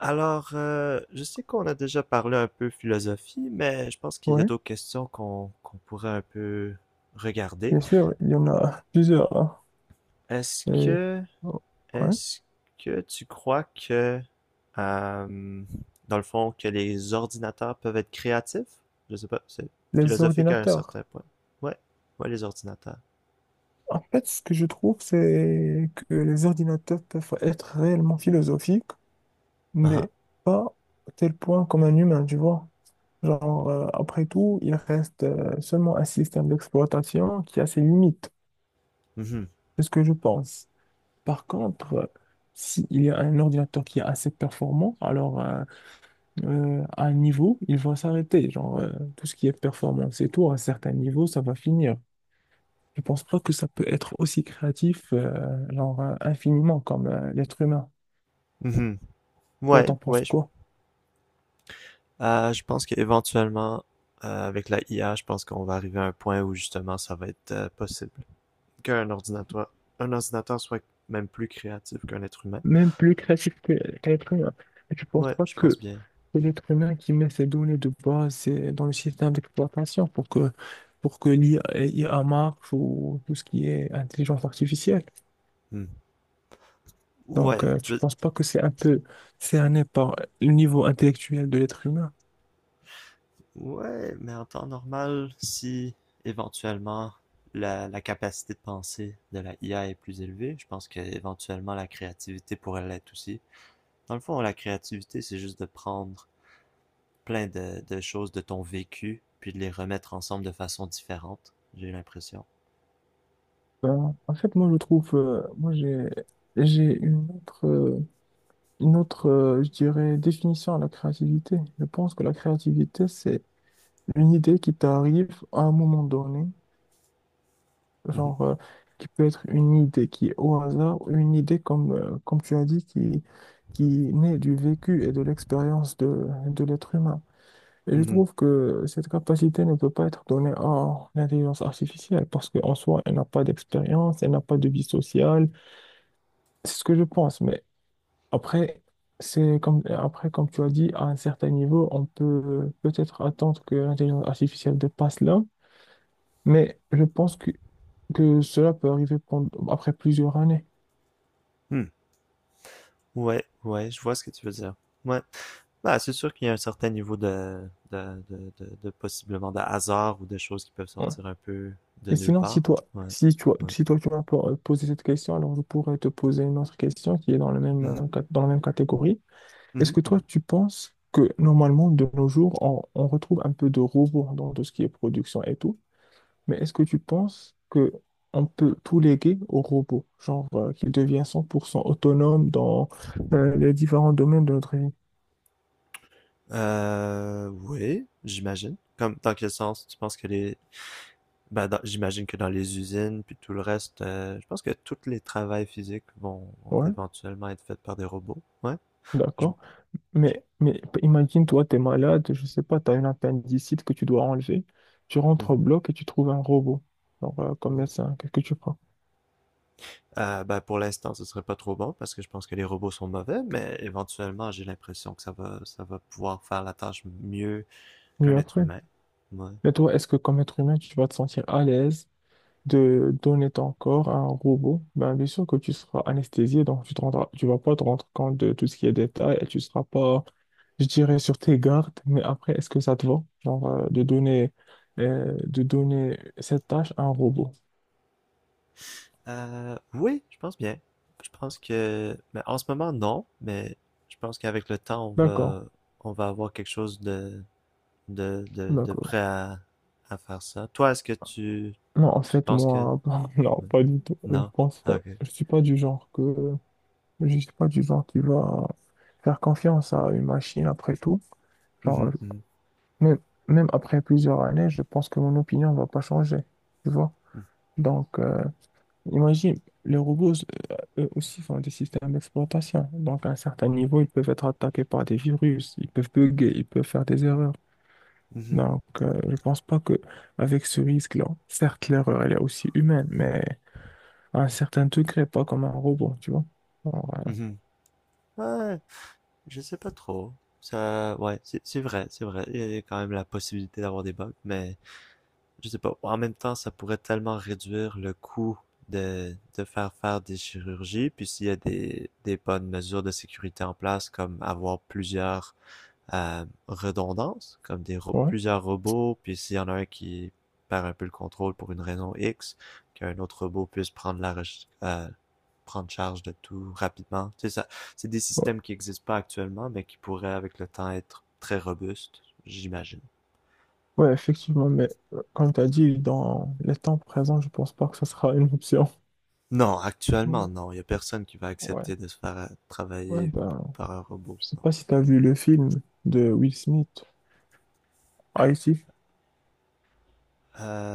Alors, je sais qu'on a déjà parlé un peu philosophie, mais je pense qu'il y a Oui, d'autres questions qu'on pourrait un peu regarder. bien sûr, il y en a plusieurs. Hein. Est-ce Et, que oh, ouais. est-ce que tu crois que euh, dans le fond que les ordinateurs peuvent être créatifs? Je sais pas, c'est Les philosophique à un ordinateurs. certain point. Ouais, ouais les ordinateurs. En fait, ce que je trouve, c'est que les ordinateurs peuvent être réellement philosophiques, Ah ah. mais pas à tel point comme un humain, tu vois. Genre, après tout, il reste seulement un système d'exploitation qui a ses limites, Mhm. c'est ce que je pense. Par contre, s'il y a un ordinateur qui est assez performant, alors à un niveau, il va s'arrêter. Genre, tout ce qui est performance et tout, à un certain niveau, ça va finir. Je pense pas que ça peut être aussi créatif, genre, infiniment comme l'être humain. Mhm. Toi, Ouais, t'en penses ouais. Quoi? Je pense qu'éventuellement avec la IA, je pense qu'on va arriver à un point où justement ça va être possible. qu'un ordinateur, un ordinateur soit même plus créatif qu'un être humain. Même plus créatif que l'être humain. Et tu penses Ouais, pas je pense que bien. c'est l'être humain qui met ses données de base dans le système d'exploitation pour que l'IA marche ou tout ce qui est intelligence artificielle. Hmm. Donc, Ouais, tu tu... penses pas que c'est un peu cerné par le niveau intellectuel de l'être humain? Ouais, mais en temps normal, si éventuellement la capacité de penser de la IA est plus élevée, je pense qu'éventuellement la créativité pourrait l'être aussi. Dans le fond, la créativité, c'est juste de prendre plein de choses de ton vécu, puis de les remettre ensemble de façon différente, j'ai l'impression. Ben, en fait, moi, j'ai une autre, je dirais, définition à la créativité. Je pense que la créativité, c'est une idée qui t'arrive à un moment donné, Mhm. genre, qui peut être une idée qui est au hasard, ou une idée, comme, comme tu as dit, qui naît du vécu et de l'expérience de l'être humain. Et je Mhm. trouve que cette capacité ne peut pas être donnée à l'intelligence artificielle parce qu'en soi, elle n'a pas d'expérience, elle n'a pas de vie sociale. C'est ce que je pense. Mais après, c'est comme, après, comme tu as dit, à un certain niveau, on peut peut-être attendre que l'intelligence artificielle dépasse là. Mais je pense que cela peut arriver après plusieurs années. Hmm. Ouais, ouais, je vois ce que tu veux dire. Ouais. Bah, c'est sûr qu'il y a un certain niveau de possiblement de hasard ou de choses qui peuvent Ouais. sortir un peu de Et nulle sinon, part. Ouais, ouais. si toi, tu m'as posé cette question, alors je pourrais te poser une autre question qui est dans le même, Mhm, dans la même catégorie. Est-ce mhm, que toi, mhm. tu penses que normalement, de nos jours, on retrouve un peu de robots dans tout ce qui est production et tout, mais est-ce que tu penses que on peut tout léguer aux robots, genre qu'ils deviennent 100% autonomes dans les différents domaines de notre vie? Oui, j'imagine. Comme, dans quel sens tu penses que les... Ben, j'imagine que dans les usines, puis tout le reste, je pense que tous les travails physiques vont Ouais, éventuellement être faits par des robots. Ouais. Je- d'accord. Mais imagine, toi, tu es malade, je sais pas, tu as une appendicite que tu dois enlever, tu rentres au mhm. bloc et tu trouves un robot, genre comme médecin, qu'est-ce que tu prends? Ben, pour l'instant, ce serait pas trop bon parce que je pense que les robots sont mauvais, mais éventuellement, j'ai l'impression que ça va pouvoir faire la tâche mieux qu'un Mieux être après. humain. Ouais. Mais toi, est-ce que comme être humain, tu vas te sentir à l'aise de donner ton corps à un robot, ben bien sûr que tu seras anesthésié, donc tu vas pas te rendre compte de tout ce qui est détail et tu seras pas, je dirais, sur tes gardes. Mais après, est-ce que ça te va, genre, de donner cette tâche à un robot? Oui, je pense bien. Je pense que, mais en ce moment, non, mais je pense qu'avec le temps, D'accord, on va avoir quelque chose de d'accord. prêt à faire ça. Toi, Non, en tu fait, penses que, moi, ouais. non, pas du tout. Je Non? pense pas. Ah, ok. Je suis pas du genre que, je suis pas du genre qui va faire confiance à une machine après tout. Genre, Mhm, mhm, même, même après plusieurs années, je pense que mon opinion ne va pas changer. Tu vois? Donc, imagine, les robots, euh, eux aussi, font des systèmes d'exploitation. Donc, à un certain niveau, ils peuvent être attaqués par des virus, ils peuvent bugger, ils peuvent faire des erreurs. mhm, Donc, je pense pas que avec ce risque-là, certes, l'erreur, elle est aussi humaine, mais à un certain degré, pas comme un robot, tu vois? Alors, mhm, mhm. Ouais, je sais pas trop. Ça, ouais, c'est vrai, c'est vrai. Il y a quand même la possibilité d'avoir des bugs, mais je sais pas. En même temps, ça pourrait tellement réduire le coût de faire faire des chirurgies. Puis s'il y a des bonnes mesures de sécurité en place, comme avoir plusieurs à redondance, comme ouais. plusieurs robots, puis s'il y en a un qui perd un peu le contrôle pour une raison X, qu'un autre robot puisse prendre charge de tout rapidement. C'est ça. C'est des Ouais, systèmes qui n'existent pas actuellement, mais qui pourraient avec le temps être très robustes, j'imagine. ouais, effectivement, mais comme tu as dit, dans les temps présents, je pense pas que ce sera une option. Non, actuellement, Mm. non. Il n'y a personne qui va Ouais. accepter de se faire Ouais, travailler ben, par un robot. je sais Non. pas si tu as vu le film de Will Smith, Haïti.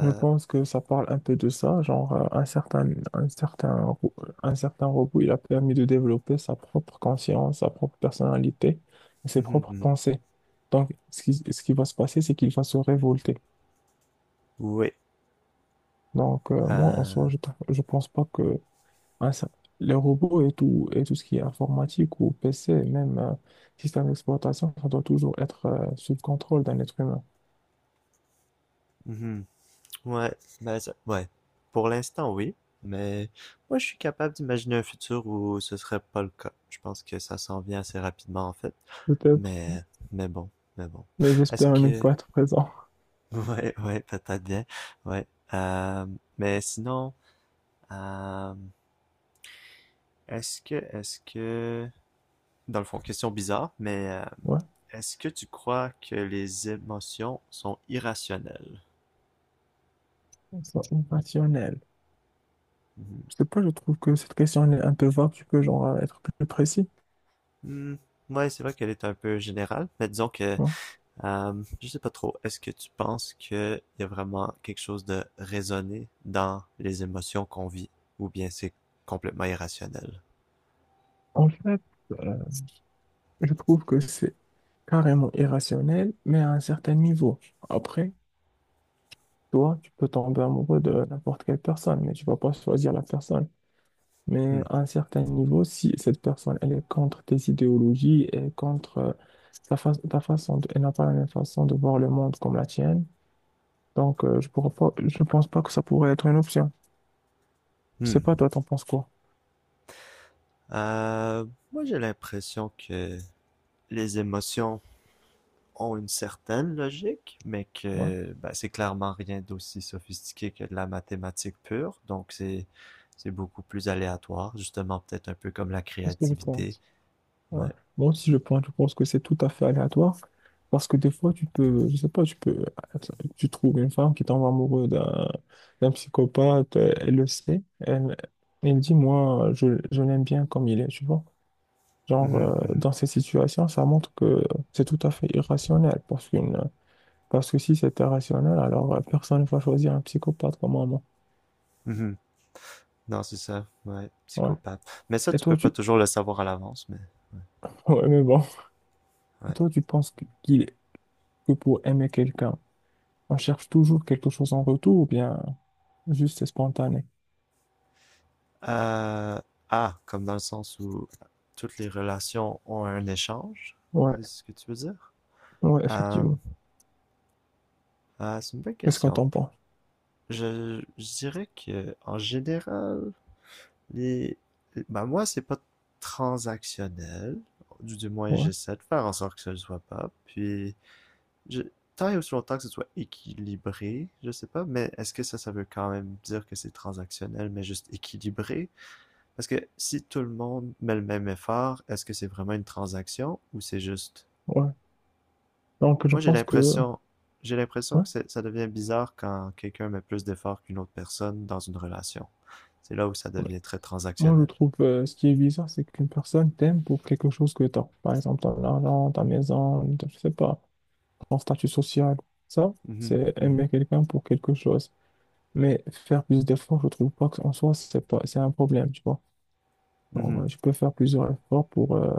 Je pense que ça parle un peu de ça, genre un certain, un certain, ro- un certain robot, il a permis de développer sa propre conscience, sa propre personnalité, et ses mhm, propres mhm. pensées. Donc, ce qui va se passer, c'est qu'il va se révolter. Oui. Donc, moi, en Euh... soi, je pense pas que un cer- les robots et tout ce qui est informatique ou PC, même système d'exploitation, ça doit toujours être sous le contrôle d'un être humain. mhm. Ouais, ouais. Pour l'instant, oui, mais moi, je suis capable d'imaginer un futur où ce serait pas le cas. Je pense que ça s'en vient assez rapidement, en fait. Peut-être Mais, mais bon, mais bon. mais Est-ce j'espère ne que, pas être présent. ouais, ouais, peut-être bien, ouais. Euh, mais sinon, euh, est-ce que, dans le fond, question bizarre, mais Ouais, est-ce que tu crois que les émotions sont irrationnelles? on sent irrationnel. Hmm. Je sais pas, je trouve que cette question elle est un peu vague, tu peux genre être plus précis. Hmm. Ouais, c'est vrai qu'elle est un peu générale, mais disons que Ouais. euh, je sais pas trop. Est-ce que tu penses qu'il y a vraiment quelque chose de raisonné dans les émotions qu'on vit, ou bien c'est complètement irrationnel? En fait, euh, je trouve que c'est carrément irrationnel, mais à un certain niveau. Après, toi, tu peux tomber amoureux de n'importe quelle personne, mais tu vas pas choisir la personne. Mais Hmm. à un certain niveau, si cette personne, elle est contre tes idéologies et contre ta façon de elle n'a pas la même façon de voir le monde comme la tienne, donc, je pourrais pas, je ne pense pas que ça pourrait être une option. Je sais Hmm. pas, toi, t'en penses quoi? Euh, moi, j'ai l'impression que les émotions ont une certaine logique, mais Ouais, que ben, c'est clairement rien d'aussi sophistiqué que de la mathématique pure. Donc, c'est beaucoup plus aléatoire, justement, peut-être un peu comme la c'est ce que je créativité. pense. Ouais. Ouais. Moi aussi, je pense que c'est tout à fait aléatoire. Parce que des fois, tu peux, je sais pas, tu peux, tu trouves une femme qui tombe amoureuse d'un psychopathe, elle le sait, elle, elle dit, moi, je l'aime bien comme il est, tu vois. Genre, Mhm, mhm, dans ces situations, ça montre que c'est tout à fait irrationnel. Parce que si c'est irrationnel, alors personne ne va choisir un psychopathe comme moi. mhm. Non, c'est ça. Ouais, Ouais. psychopathe. Mais ça, Et tu peux toi, pas tu, toujours le savoir à l'avance, mais ouais. ouais, mais bon, Ouais. toi, tu penses que, que pour aimer quelqu'un, on cherche toujours quelque chose en retour ou bien juste c'est spontané? Euh, ah, comme dans le sens où toutes les relations ont un échange. Ouais, C'est ce que tu veux dire? ouais, Euh, effectivement. ah, c'est une bonne Qu'est-ce qu'on question. t'en pense? Je dirais que en général, les, bah moi, c'est pas transactionnel. Du moins, Ouais, j'essaie de faire en sorte que ce ne le soit pas. Puis, je... Tant et aussi longtemps que ce soit équilibré, je sais pas, mais est-ce que ça veut quand même dire que c'est transactionnel, mais juste équilibré? Parce que si tout le monde met le même effort, est-ce que c'est vraiment une transaction ou c'est juste... ouais. Donc, je Moi, j'ai pense que, ouais, l'impression, j'ai l'impression que ça devient bizarre quand quelqu'un met plus d'efforts qu'une autre personne dans une relation. C'est là où ça ouais. devient très Moi, je transactionnel. trouve ce qui est bizarre, c'est qu'une personne t'aime pour quelque chose que t'as. Par exemple, ton argent, ta maison, je sais pas, ton statut social. Ça, Mhm, c'est mhm, aimer quelqu'un pour quelque chose. Mais faire plus d'efforts, je trouve pas qu'en soi, c'est pas, c'est un problème, tu vois. Donc, mhm, je peux faire plusieurs efforts pour,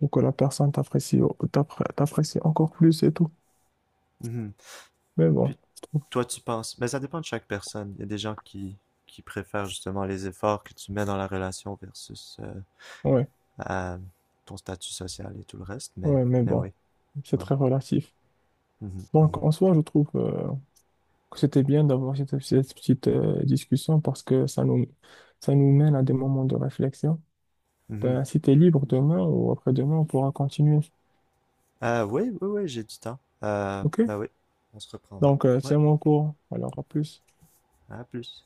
ou que la personne t'apprécie encore plus et tout. mhm. Mais bon, Puis je trouve, toi, tu penses, mais ça dépend de chaque personne. Il y a des gens Qui préfèrent justement les efforts que tu mets dans la relation versus ouais, à ton statut social et tout le reste, ouais, mais mais bon, oui. c'est Ouais. très relatif. Mhm, Donc, mhm, en soi, je trouve que c'était bien d'avoir cette, cette petite discussion parce que ça nous mène à des moments de réflexion. mhm. Ben, si t'es libre demain ou après-demain, on pourra continuer. Oui, oui, oui, j'ai du temps. OK? Bah oui, on se reprendra. Donc, Ouais, tiens-moi au courant. Alors, à plus. à plus.